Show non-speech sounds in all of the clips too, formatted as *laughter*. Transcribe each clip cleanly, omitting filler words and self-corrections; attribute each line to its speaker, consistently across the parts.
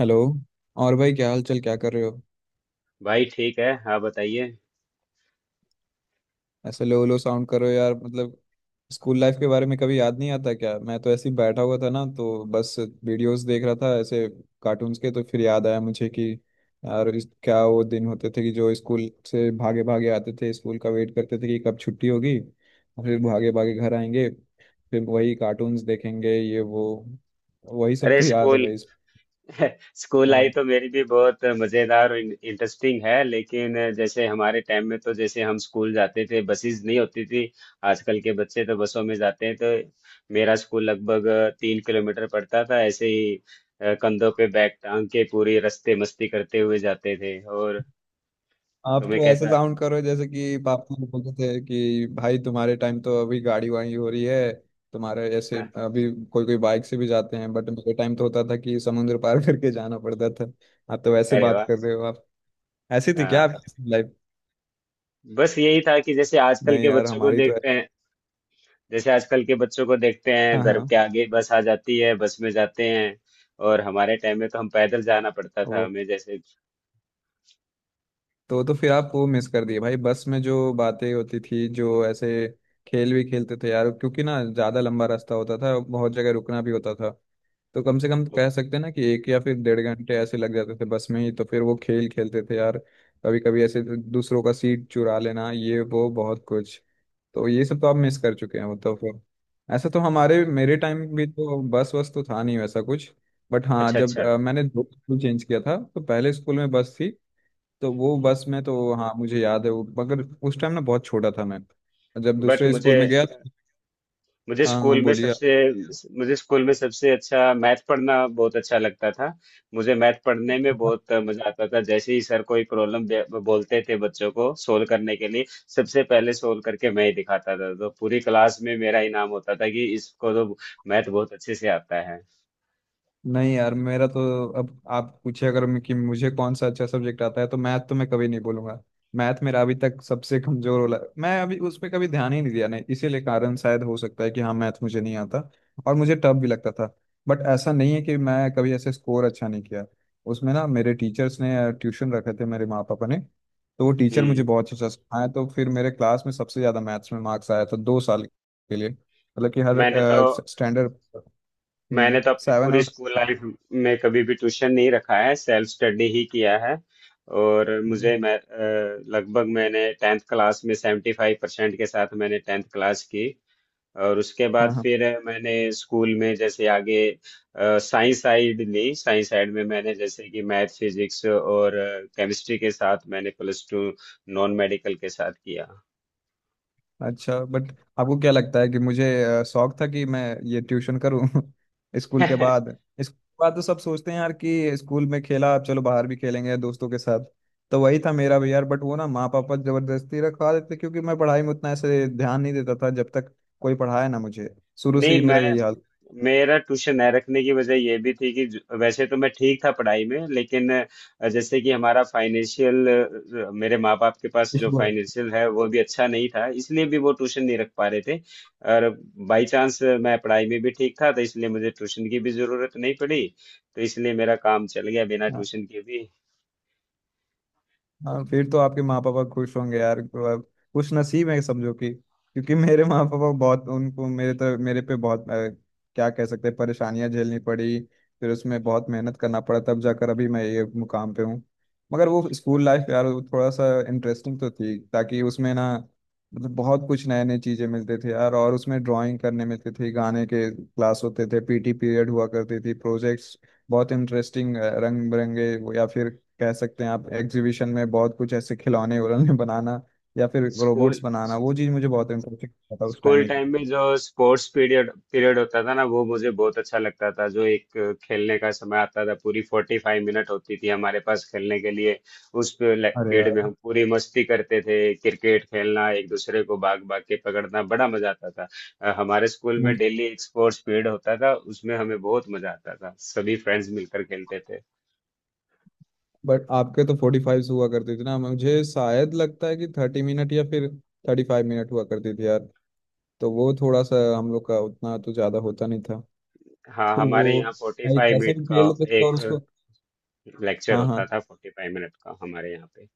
Speaker 1: Hello. और भाई क्या हाल चाल, क्या कर रहे हो?
Speaker 2: भाई ठीक है। आप बताइए।
Speaker 1: ऐसे लो लो साउंड कर रहे हो यार। मतलब स्कूल लाइफ के बारे में कभी याद नहीं आता क्या? मैं तो ऐसे ही बैठा हुआ था ना, तो बस वीडियोस देख रहा था, ऐसे कार्टून्स के। तो फिर याद आया मुझे कि यार क्या वो दिन होते थे कि जो स्कूल से भागे भागे आते थे। स्कूल का वेट करते थे कि कब छुट्टी होगी और फिर भागे भागे घर आएंगे, फिर वही कार्टून्स देखेंगे, ये वो। वही सब
Speaker 2: अरे
Speaker 1: तो याद है
Speaker 2: स्कूल
Speaker 1: भाई।
Speaker 2: *laughs* स्कूल लाइफ
Speaker 1: हाँ,
Speaker 2: तो मेरी भी बहुत मज़ेदार और इंटरेस्टिंग है। लेकिन जैसे हमारे टाइम में तो जैसे हम स्कूल जाते थे बसेस नहीं होती थी। आजकल के बच्चे तो बसों में जाते हैं, तो मेरा स्कूल लगभग 3 किलोमीटर पड़ता था ऐसे ही। कंधों पे बैग टांग के पूरी रास्ते मस्ती करते हुए जाते थे। और
Speaker 1: आप
Speaker 2: तुम्हें
Speaker 1: तो ऐसे
Speaker 2: कैसा?
Speaker 1: साउंड करो जैसे कि पापा लोग बोलते थे कि भाई तुम्हारे टाइम तो अभी गाड़ी वाड़ी हो रही है, तुम्हारे ऐसे।
Speaker 2: *laughs*
Speaker 1: अभी कोई कोई बाइक से भी जाते हैं, बट मेरे टाइम तो होता था कि समुद्र पार *laughs* करके जाना पड़ता था। आप तो वैसे
Speaker 2: अरे
Speaker 1: बात
Speaker 2: वाह।
Speaker 1: कर रहे हो, आप ऐसी थी क्या
Speaker 2: हाँ,
Speaker 1: आपकी *laughs* लाइफ?
Speaker 2: बस यही था कि जैसे आजकल
Speaker 1: नहीं
Speaker 2: के
Speaker 1: यार,
Speaker 2: बच्चों को
Speaker 1: हमारी तो।
Speaker 2: देखते हैं, जैसे आजकल के बच्चों को देखते हैं
Speaker 1: हाँ
Speaker 2: घर
Speaker 1: हाँ।
Speaker 2: के आगे बस आ जाती है, बस में जाते हैं। और हमारे टाइम में तो हम पैदल जाना पड़ता था
Speaker 1: वो
Speaker 2: हमें, जैसे।
Speaker 1: तो फिर आप वो मिस कर दिए भाई, बस में जो बातें होती थी, जो ऐसे खेल भी खेलते थे यार। क्योंकि ना ज़्यादा लंबा रास्ता होता था, बहुत जगह रुकना भी होता था, तो कम से कम कह सकते हैं ना कि 1 या फिर 1.5 घंटे ऐसे लग जाते थे बस में ही। तो फिर वो खेल खेलते थे यार, कभी कभी ऐसे दूसरों का सीट चुरा लेना, ये वो बहुत कुछ। तो ये सब तो आप मिस कर चुके हैं, मतलब। तो ऐसा तो हमारे
Speaker 2: हाँ।
Speaker 1: मेरे टाइम भी तो बस वस तो था नहीं, वैसा कुछ। बट हाँ,
Speaker 2: अच्छा
Speaker 1: जब
Speaker 2: अच्छा।
Speaker 1: मैंने 2 स्कूल चेंज किया था, तो पहले स्कूल में बस थी। तो वो बस में तो हाँ, मुझे याद है वो। मगर उस टाइम ना बहुत छोटा था मैं, जब
Speaker 2: बट
Speaker 1: दूसरे
Speaker 2: मुझे
Speaker 1: स्कूल में गया।
Speaker 2: मुझे
Speaker 1: हाँ
Speaker 2: स्कूल
Speaker 1: हाँ,
Speaker 2: में
Speaker 1: बोलिए।
Speaker 2: सबसे मुझे स्कूल में सबसे अच्छा मैथ पढ़ना बहुत अच्छा लगता था। मुझे मैथ पढ़ने में बहुत मजा आता था। जैसे ही सर कोई प्रॉब्लम बोलते थे बच्चों को सोल्व करने के लिए, सबसे पहले सोल्व करके मैं ही दिखाता था। तो पूरी क्लास में मेरा इनाम होता था कि इसको तो मैथ बहुत अच्छे से आता है।
Speaker 1: नहीं यार, मेरा तो। अब आप पूछे अगर मैं कि मुझे कौन सा अच्छा सब्जेक्ट आता है, तो मैथ तो मैं कभी नहीं बोलूंगा। मैथ मेरा अभी तक सबसे कमजोर वाला। मैं अभी उस पर कभी ध्यान ही नहीं दिया, नहीं, इसीलिए कारण शायद हो सकता है कि हाँ, मैथ मुझे नहीं आता। और मुझे टफ भी लगता था। बट ऐसा नहीं है कि मैं कभी ऐसे स्कोर अच्छा नहीं किया। उसमें ना मेरे टीचर्स ने, ट्यूशन रखे थे मेरे माँ पापा ने, तो वो टीचर मुझे
Speaker 2: हम्म,
Speaker 1: बहुत अच्छा सिखाए। तो फिर मेरे क्लास में सबसे ज्यादा मैथ्स में मार्क्स आया था 2 साल के लिए, मतलब कि हर
Speaker 2: मैंने तो
Speaker 1: स्टैंडर्ड।
Speaker 2: मैंने तो अपनी
Speaker 1: 7
Speaker 2: पूरी
Speaker 1: और।
Speaker 2: स्कूल लाइफ में कभी भी ट्यूशन नहीं रखा है, सेल्फ स्टडी ही किया है। और
Speaker 1: हम्म,
Speaker 2: लगभग मैंने टेंथ क्लास में 75% के साथ मैंने टेंथ क्लास की। और उसके बाद
Speaker 1: हाँ हाँ।
Speaker 2: फिर मैंने स्कूल में जैसे आगे साइंस साइड ली। साइंस साइड में मैंने जैसे कि मैथ फिजिक्स और केमिस्ट्री के साथ मैंने प्लस टू नॉन मेडिकल के साथ किया।
Speaker 1: अच्छा बट आपको क्या लगता है कि मुझे शौक था कि मैं ये ट्यूशन करूँ *laughs* स्कूल के बाद?
Speaker 2: *laughs*
Speaker 1: स्कूल के बाद तो सब सोचते हैं यार कि स्कूल में खेला, अब चलो बाहर भी खेलेंगे दोस्तों के साथ। तो वही था मेरा भी यार, बट वो ना माँ पापा जबरदस्ती रखवा देते क्योंकि मैं पढ़ाई में उतना ऐसे ध्यान नहीं देता था जब तक कोई पढ़ाया ना मुझे। शुरू से ही
Speaker 2: नहीं,
Speaker 1: मेरा
Speaker 2: मैं
Speaker 1: यही हाल।
Speaker 2: मेरा ट्यूशन न रखने की वजह ये भी थी कि वैसे तो मैं ठीक था पढ़ाई में, लेकिन जैसे कि हमारा फाइनेंशियल मेरे माँ बाप के पास जो
Speaker 1: इसको-
Speaker 2: फाइनेंशियल है वो भी अच्छा नहीं था, इसलिए भी वो ट्यूशन नहीं रख पा रहे थे। और बाई चांस मैं पढ़ाई में भी ठीक था, तो इसलिए मुझे ट्यूशन की भी जरूरत नहीं पड़ी। तो इसलिए मेरा काम चल गया बिना
Speaker 1: हाँ
Speaker 2: ट्यूशन के भी।
Speaker 1: हाँ। फिर तो आपके माँ पापा खुश होंगे यार। तो अब खुश नसीब है समझो, कि क्योंकि मेरे माँ पापा बहुत, उनको मेरे पे बहुत क्या कह सकते हैं, परेशानियां झेलनी पड़ी। फिर उसमें बहुत मेहनत करना पड़ा, तब जाकर अभी मैं ये मुकाम पे हूँ। मगर वो स्कूल लाइफ यार, वो थोड़ा सा इंटरेस्टिंग तो थी, ताकि उसमें ना, मतलब बहुत कुछ नए नए चीजें मिलते थे यार। और उसमें ड्राइंग करने मिलते थे, गाने के क्लास होते थे, पीटी पीरियड हुआ करती थी, प्रोजेक्ट्स बहुत इंटरेस्टिंग, रंग बिरंगे। या फिर कह सकते हैं आप एग्जीबिशन में बहुत कुछ ऐसे खिलौने उलौने *laughs* बनाना, या फिर रोबोट्स
Speaker 2: स्कूल
Speaker 1: बनाना, वो चीज़ मुझे बहुत इंटरेस्टिंग था उस टाइम
Speaker 2: स्कूल
Speaker 1: ही।
Speaker 2: टाइम में जो स्पोर्ट्स पीरियड पीरियड होता था ना, वो मुझे बहुत अच्छा लगता था। जो एक खेलने का समय आता था, पूरी 45 मिनट होती थी हमारे पास खेलने के लिए। उस
Speaker 1: अरे
Speaker 2: पीरियड
Speaker 1: यार।
Speaker 2: में हम पूरी मस्ती करते थे, क्रिकेट खेलना, एक दूसरे को भाग भाग के पकड़ना, बड़ा मजा आता था। हमारे स्कूल में
Speaker 1: मुझ
Speaker 2: डेली एक स्पोर्ट्स पीरियड होता था, उसमें हमें बहुत मजा आता था, सभी फ्रेंड्स मिलकर खेलते थे।
Speaker 1: बट आपके तो 45 हुआ करती थी ना, मुझे शायद लगता है कि 30 मिनट या फिर 35 मिनट हुआ करती थी यार। तो वो थोड़ा सा हम लोग का उतना तो ज्यादा होता नहीं था।
Speaker 2: हाँ,
Speaker 1: तो वो
Speaker 2: हमारे यहाँ फोर्टी
Speaker 1: भाई
Speaker 2: फाइव
Speaker 1: कैसे
Speaker 2: मिनट
Speaker 1: भी खेल
Speaker 2: का
Speaker 1: लेते थे, और
Speaker 2: एक
Speaker 1: उसको।
Speaker 2: लेक्चर
Speaker 1: हाँ हाँ।
Speaker 2: होता था, 45 मिनट का हमारे यहाँ पे।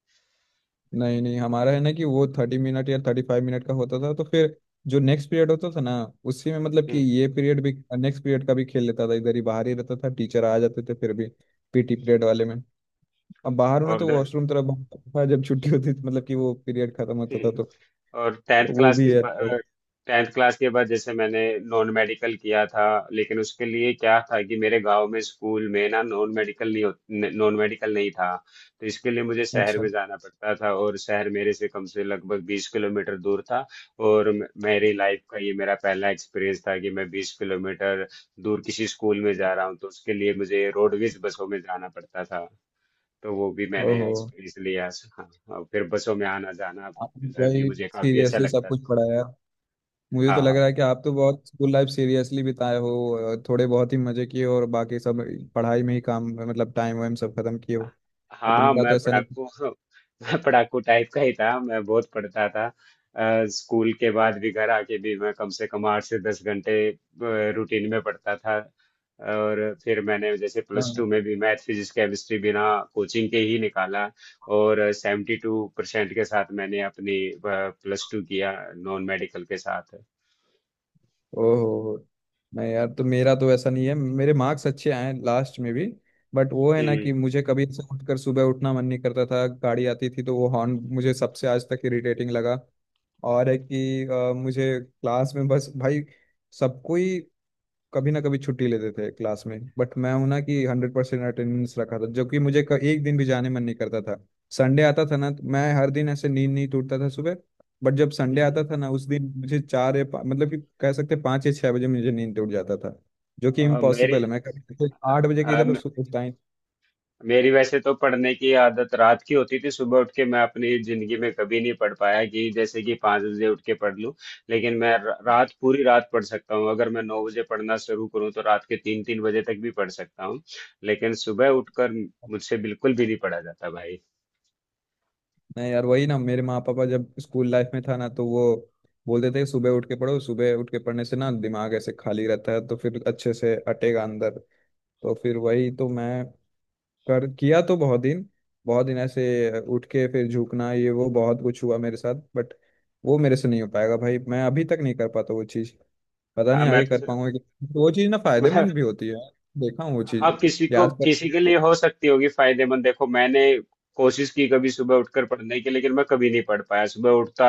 Speaker 1: नहीं नहीं, हमारा है ना कि वो 30 मिनट या 35 मिनट का होता था, तो फिर जो नेक्स्ट पीरियड होता था ना, उसी में मतलब कि
Speaker 2: हम्म,
Speaker 1: ये पीरियड भी, नेक्स्ट पीरियड का भी खेल लेता था। इधर ही बाहर ही रहता था, टीचर आ जाते थे फिर भी। पीटी पीरियड वाले में अब बाहर होना,
Speaker 2: और
Speaker 1: तो
Speaker 2: उधर
Speaker 1: वॉशरूम तरफ बाहर *laughs* था जब छुट्टी होती थी, मतलब कि वो पीरियड खत्म होता था तो।
Speaker 2: हम्म। और टेंथ
Speaker 1: तो वो
Speaker 2: क्लास के
Speaker 1: भी है
Speaker 2: बाद
Speaker 1: तो।
Speaker 2: जैसे मैंने नॉन मेडिकल किया था। लेकिन उसके लिए क्या था कि मेरे गांव में स्कूल में ना नॉन मेडिकल नहीं था। तो इसके लिए मुझे शहर
Speaker 1: अच्छा।
Speaker 2: में जाना पड़ता था, और शहर मेरे से कम से लगभग 20 किलोमीटर दूर था। और मेरी लाइफ का ये मेरा पहला एक्सपीरियंस था कि मैं 20 किलोमीटर दूर किसी स्कूल में जा रहा हूँ, तो उसके लिए मुझे रोडवेज बसों में जाना पड़ता था। तो वो भी मैंने
Speaker 1: ओहो।
Speaker 2: एक्सपीरियंस लिया। हाँ, और फिर बसों में आना जाना
Speaker 1: आपने
Speaker 2: भी
Speaker 1: भाई
Speaker 2: मुझे काफी अच्छा
Speaker 1: सीरियसली सब
Speaker 2: लगता था।
Speaker 1: कुछ पढ़ाया। मुझे तो
Speaker 2: हाँ,
Speaker 1: लग
Speaker 2: हाँ,
Speaker 1: रहा है कि आप तो बहुत स्कूल लाइफ सीरियसली बिताए हो, थोड़े बहुत ही मजे किए हो, और बाकी सब पढ़ाई में ही काम, मतलब टाइम वाइम सब खत्म किए हो। बट
Speaker 2: हाँ।
Speaker 1: मेरा तो
Speaker 2: मैं
Speaker 1: ऐसा नहीं।
Speaker 2: पढ़ाकू *laughs* मैं पढ़ाकू टाइप का ही था, मैं बहुत पढ़ता था। स्कूल के बाद भी घर आके भी मैं कम से कम 8 से 10 घंटे रूटीन में पढ़ता था। और फिर मैंने जैसे प्लस
Speaker 1: हाँ।
Speaker 2: टू में भी मैथ फिजिक्स केमिस्ट्री बिना कोचिंग के ही निकाला, और 72% के साथ मैंने अपनी प्लस टू किया नॉन मेडिकल के साथ।
Speaker 1: ओहो। नहीं यार, तो मेरा तो ऐसा नहीं है, मेरे मार्क्स अच्छे आए लास्ट में भी। बट वो है ना कि मुझे कभी ऐसे उठकर सुबह उठना मन नहीं करता था, गाड़ी आती थी तो वो हॉर्न मुझे सबसे आज तक इरिटेटिंग लगा। और है कि मुझे क्लास में बस भाई, सबको ही कभी ना कभी छुट्टी लेते थे क्लास में, बट मैं हूं ना कि 100% अटेंडेंस रखा था, जबकि मुझे एक दिन भी जाने मन नहीं करता था। संडे आता था ना, तो मैं हर दिन ऐसे नींद नहीं टूटता था सुबह। बट जब संडे
Speaker 2: हम्म
Speaker 1: आता था ना, उस दिन मुझे मतलब कि कह सकते हैं 5 या 6 बजे मुझे नींद टूट जाता था, जो कि
Speaker 2: अ, मेरी
Speaker 1: इम्पॉसिबल है। मैं कभी जैसे
Speaker 2: अ,
Speaker 1: 8 बजे के
Speaker 2: अ,
Speaker 1: इधर उठता ही।
Speaker 2: मेरी वैसे तो पढ़ने की आदत रात की होती थी। सुबह उठ के मैं अपनी जिंदगी में कभी नहीं पढ़ पाया कि जैसे कि 5 बजे उठ के पढ़ लूं। लेकिन मैं रात पूरी रात पढ़ सकता हूँ। अगर मैं 9 बजे पढ़ना शुरू करूँ तो रात के तीन तीन बजे तक भी पढ़ सकता हूँ। लेकिन सुबह उठकर मुझसे बिल्कुल भी नहीं पढ़ा जाता भाई।
Speaker 1: नहीं यार, वही ना, मेरे माँ पापा जब स्कूल लाइफ में था ना, तो वो बोलते थे सुबह उठ के पढ़ो, सुबह उठ के पढ़ने से ना दिमाग ऐसे खाली रहता है, तो फिर अच्छे से अटेगा अंदर। तो फिर वही तो मैं कर किया तो बहुत दिन, बहुत दिन ऐसे उठ के फिर झुकना, ये वो बहुत कुछ हुआ मेरे साथ। बट वो मेरे से नहीं हो पाएगा भाई, मैं अभी तक नहीं कर पाता वो चीज़। पता
Speaker 2: हाँ,
Speaker 1: नहीं
Speaker 2: मैं
Speaker 1: आगे
Speaker 2: तो
Speaker 1: कर
Speaker 2: सिर्फ
Speaker 1: पाऊंगा कि, वो चीज़ ना फायदेमंद भी
Speaker 2: *laughs*
Speaker 1: होती है, देखा हूँ वो
Speaker 2: हाँ,
Speaker 1: चीज़।
Speaker 2: किसी को
Speaker 1: याद कर।
Speaker 2: किसी के लिए हो सकती होगी फायदेमंद। देखो मैंने कोशिश की कभी सुबह उठकर पढ़ने की, लेकिन मैं कभी नहीं पढ़ पाया। सुबह उठता,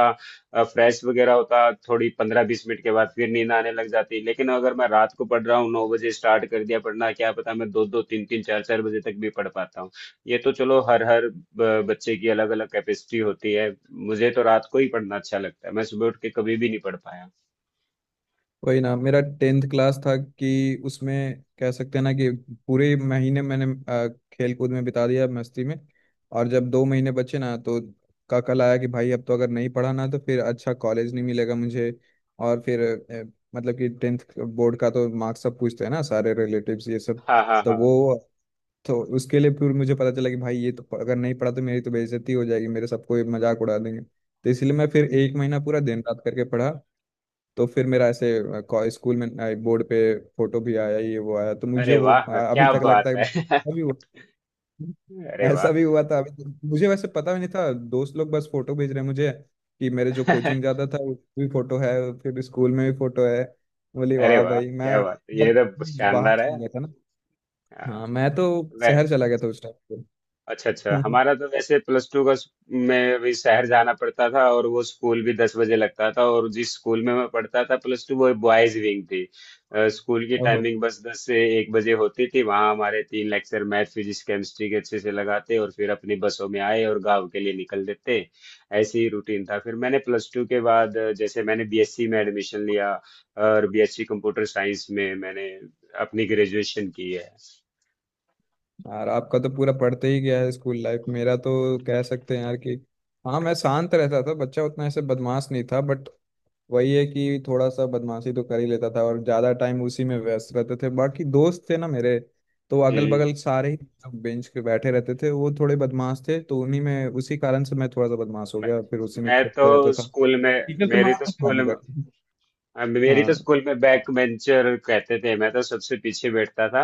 Speaker 2: फ्रेश वगैरह होता, थोड़ी 15 20 मिनट के बाद फिर नींद आने लग जाती। लेकिन अगर मैं रात को पढ़ रहा हूँ, 9 बजे स्टार्ट कर दिया पढ़ना, क्या पता मैं दो दो तीन तीन चार चार बजे तक भी पढ़ पाता हूँ। ये तो चलो, हर हर ब- बच्चे की अलग अलग कैपेसिटी होती है। मुझे तो रात को ही पढ़ना अच्छा लगता है, मैं सुबह उठ के कभी भी नहीं पढ़ पाया।
Speaker 1: वही ना, मेरा 10th क्लास था कि उसमें कह सकते हैं ना कि पूरे महीने मैंने खेल कूद में बिता दिया, मस्ती में। और जब 2 महीने बचे ना, तो काकल आया कि भाई अब तो अगर नहीं पढ़ा ना, तो फिर अच्छा कॉलेज नहीं मिलेगा मुझे। और फिर मतलब कि 10th बोर्ड का तो मार्क्स सब पूछते हैं ना, सारे रिलेटिव्स ये सब।
Speaker 2: हाँ, हाँ,
Speaker 1: तो
Speaker 2: हाँ।
Speaker 1: वो, तो उसके लिए फिर मुझे पता चला कि भाई ये तो अगर नहीं पढ़ा तो मेरी तो बेइज्जती हो जाएगी, मेरे सबको ये मजाक उड़ा देंगे, तो इसलिए मैं फिर 1 महीना पूरा दिन रात करके पढ़ा। तो फिर मेरा ऐसे स्कूल में बोर्ड पे फोटो भी आया, ये वो आया, तो मुझे
Speaker 2: अरे
Speaker 1: वो
Speaker 2: वाह,
Speaker 1: अभी
Speaker 2: क्या
Speaker 1: तक
Speaker 2: बात
Speaker 1: लगता है
Speaker 2: है!
Speaker 1: अभी वो
Speaker 2: *laughs* अरे वाह।
Speaker 1: ऐसा भी हुआ था। अभी तक मुझे वैसे पता भी नहीं था, दोस्त लोग बस फोटो भेज रहे हैं मुझे कि मेरे जो कोचिंग
Speaker 2: *laughs*
Speaker 1: जाता था उसमें भी फोटो है, फिर स्कूल में भी फोटो है। बोली
Speaker 2: अरे
Speaker 1: वाह
Speaker 2: वाह,
Speaker 1: भाई,
Speaker 2: क्या
Speaker 1: मैं
Speaker 2: बात है! ये
Speaker 1: बहुत
Speaker 2: तो
Speaker 1: बाहर
Speaker 2: शानदार है।
Speaker 1: चला गया था ना। हाँ,
Speaker 2: हाँ,
Speaker 1: मैं तो
Speaker 2: मैं
Speaker 1: शहर चला गया था उस टाइम
Speaker 2: अच्छा अच्छा।
Speaker 1: पे *laughs*
Speaker 2: हमारा तो वैसे प्लस टू का में अभी शहर जाना पड़ता था, और वो स्कूल भी 10 बजे लगता था। और जिस स्कूल में मैं पढ़ता था प्लस टू वो बॉयज विंग थी। स्कूल की
Speaker 1: ओहो।
Speaker 2: टाइमिंग बस 10 से 1 बजे होती थी। वहाँ हमारे तीन लेक्चर मैथ फिजिक्स केमिस्ट्री के अच्छे से लगाते, और फिर अपनी बसों में आए और गाँव के लिए निकल देते। ऐसे ही रूटीन था। फिर मैंने प्लस टू के बाद जैसे मैंने बीएससी में एडमिशन लिया। और बीएससी कंप्यूटर साइंस में मैंने अपनी ग्रेजुएशन की है।
Speaker 1: यार आपका तो पूरा पढ़ते ही गया है स्कूल लाइफ, मेरा तो कह सकते हैं यार कि हाँ, मैं शांत रहता था बच्चा, उतना ऐसे बदमाश नहीं था। बट वही है कि थोड़ा सा बदमाशी तो कर ही लेता था, और ज्यादा टाइम उसी में व्यस्त रहते थे। बाकी दोस्त थे ना मेरे, तो अगल
Speaker 2: हम्म
Speaker 1: बगल सारे ही बेंच पे बैठे रहते थे, वो थोड़े बदमाश थे, तो उन्हीं में, उसी कारण से मैं थोड़ा सा बदमाश हो
Speaker 2: मैं,
Speaker 1: गया, फिर उसी में
Speaker 2: मैं
Speaker 1: खेलते
Speaker 2: तो
Speaker 1: रहता था।
Speaker 2: स्कूल में
Speaker 1: टीचर तो
Speaker 2: मेरी तो
Speaker 1: मारता था
Speaker 2: स्कूल
Speaker 1: मगर।
Speaker 2: में- अब मेरी तो
Speaker 1: हाँ।
Speaker 2: स्कूल में बैक बेंचर कहते थे, मैं तो सबसे पीछे बैठता था।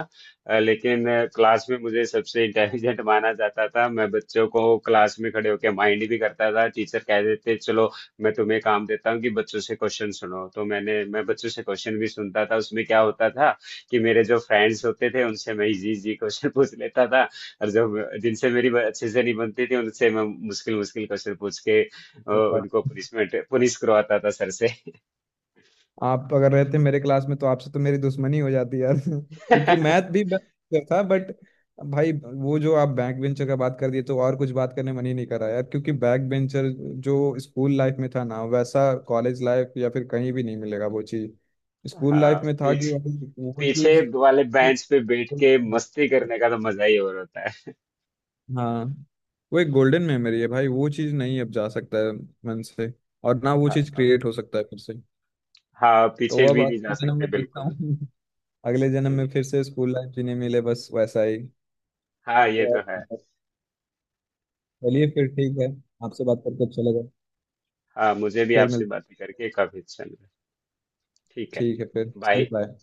Speaker 2: लेकिन क्लास में मुझे सबसे इंटेलिजेंट माना जाता था। मैं बच्चों को क्लास में खड़े होकर माइंड भी करता था। टीचर कह देते चलो, मैं तुम्हें काम देता हूँ कि बच्चों से क्वेश्चन सुनो। तो मैं बच्चों से क्वेश्चन भी सुनता था। उसमें क्या होता था कि मेरे जो फ्रेंड्स होते थे उनसे मैं इजी इजी क्वेश्चन *laughs* पूछ लेता था। और जब जिनसे मेरी अच्छे से नहीं बनती थी, उनसे मैं मुश्किल मुश्किल क्वेश्चन पूछ के उनको पनिशमेंट पुनिश करवाता था सर से।
Speaker 1: आप अगर रहते मेरे क्लास में तो आपसे तो मेरी दुश्मनी हो जाती यार *laughs* क्योंकि
Speaker 2: *laughs*
Speaker 1: मैथ भी बेस्ट था। बट भाई वो जो आप बैक बेंचर का बात कर दिए, तो और कुछ बात करने मन ही नहीं करा यार, क्योंकि बैक बेंचर जो स्कूल लाइफ में था ना, वैसा कॉलेज लाइफ या फिर कहीं भी नहीं मिलेगा वो चीज। स्कूल
Speaker 2: हाँ,
Speaker 1: लाइफ में था कि
Speaker 2: पीछे
Speaker 1: भाई वो
Speaker 2: पीछे
Speaker 1: चीज।
Speaker 2: वाले बेंच पे बैठ के मस्ती करने का तो मजा ही और होता है।
Speaker 1: हाँ, वो एक गोल्डन मेमोरी है भाई, वो चीज नहीं अब जा सकता है मन से, और ना वो चीज
Speaker 2: हाँ,
Speaker 1: क्रिएट हो सकता है फिर से।
Speaker 2: हाँ
Speaker 1: तो
Speaker 2: पीछे
Speaker 1: अब
Speaker 2: भी नहीं जा
Speaker 1: आपके जन्म
Speaker 2: सकते
Speaker 1: में देखता
Speaker 2: बिल्कुल।
Speaker 1: हूँ, अगले जन्म में
Speaker 2: हम्म,
Speaker 1: फिर से स्कूल लाइफ जीने मिले बस वैसा ही।
Speaker 2: हाँ ये तो है।
Speaker 1: और- चलिए फिर ठीक है, आपसे बात करके अच्छा लगा।
Speaker 2: हाँ, मुझे भी
Speaker 1: फिर
Speaker 2: आपसे
Speaker 1: मिल।
Speaker 2: बातें करके काफी अच्छा लगा। ठीक है।
Speaker 1: ठीक है, फिर चलिए,
Speaker 2: बाय।
Speaker 1: बाय।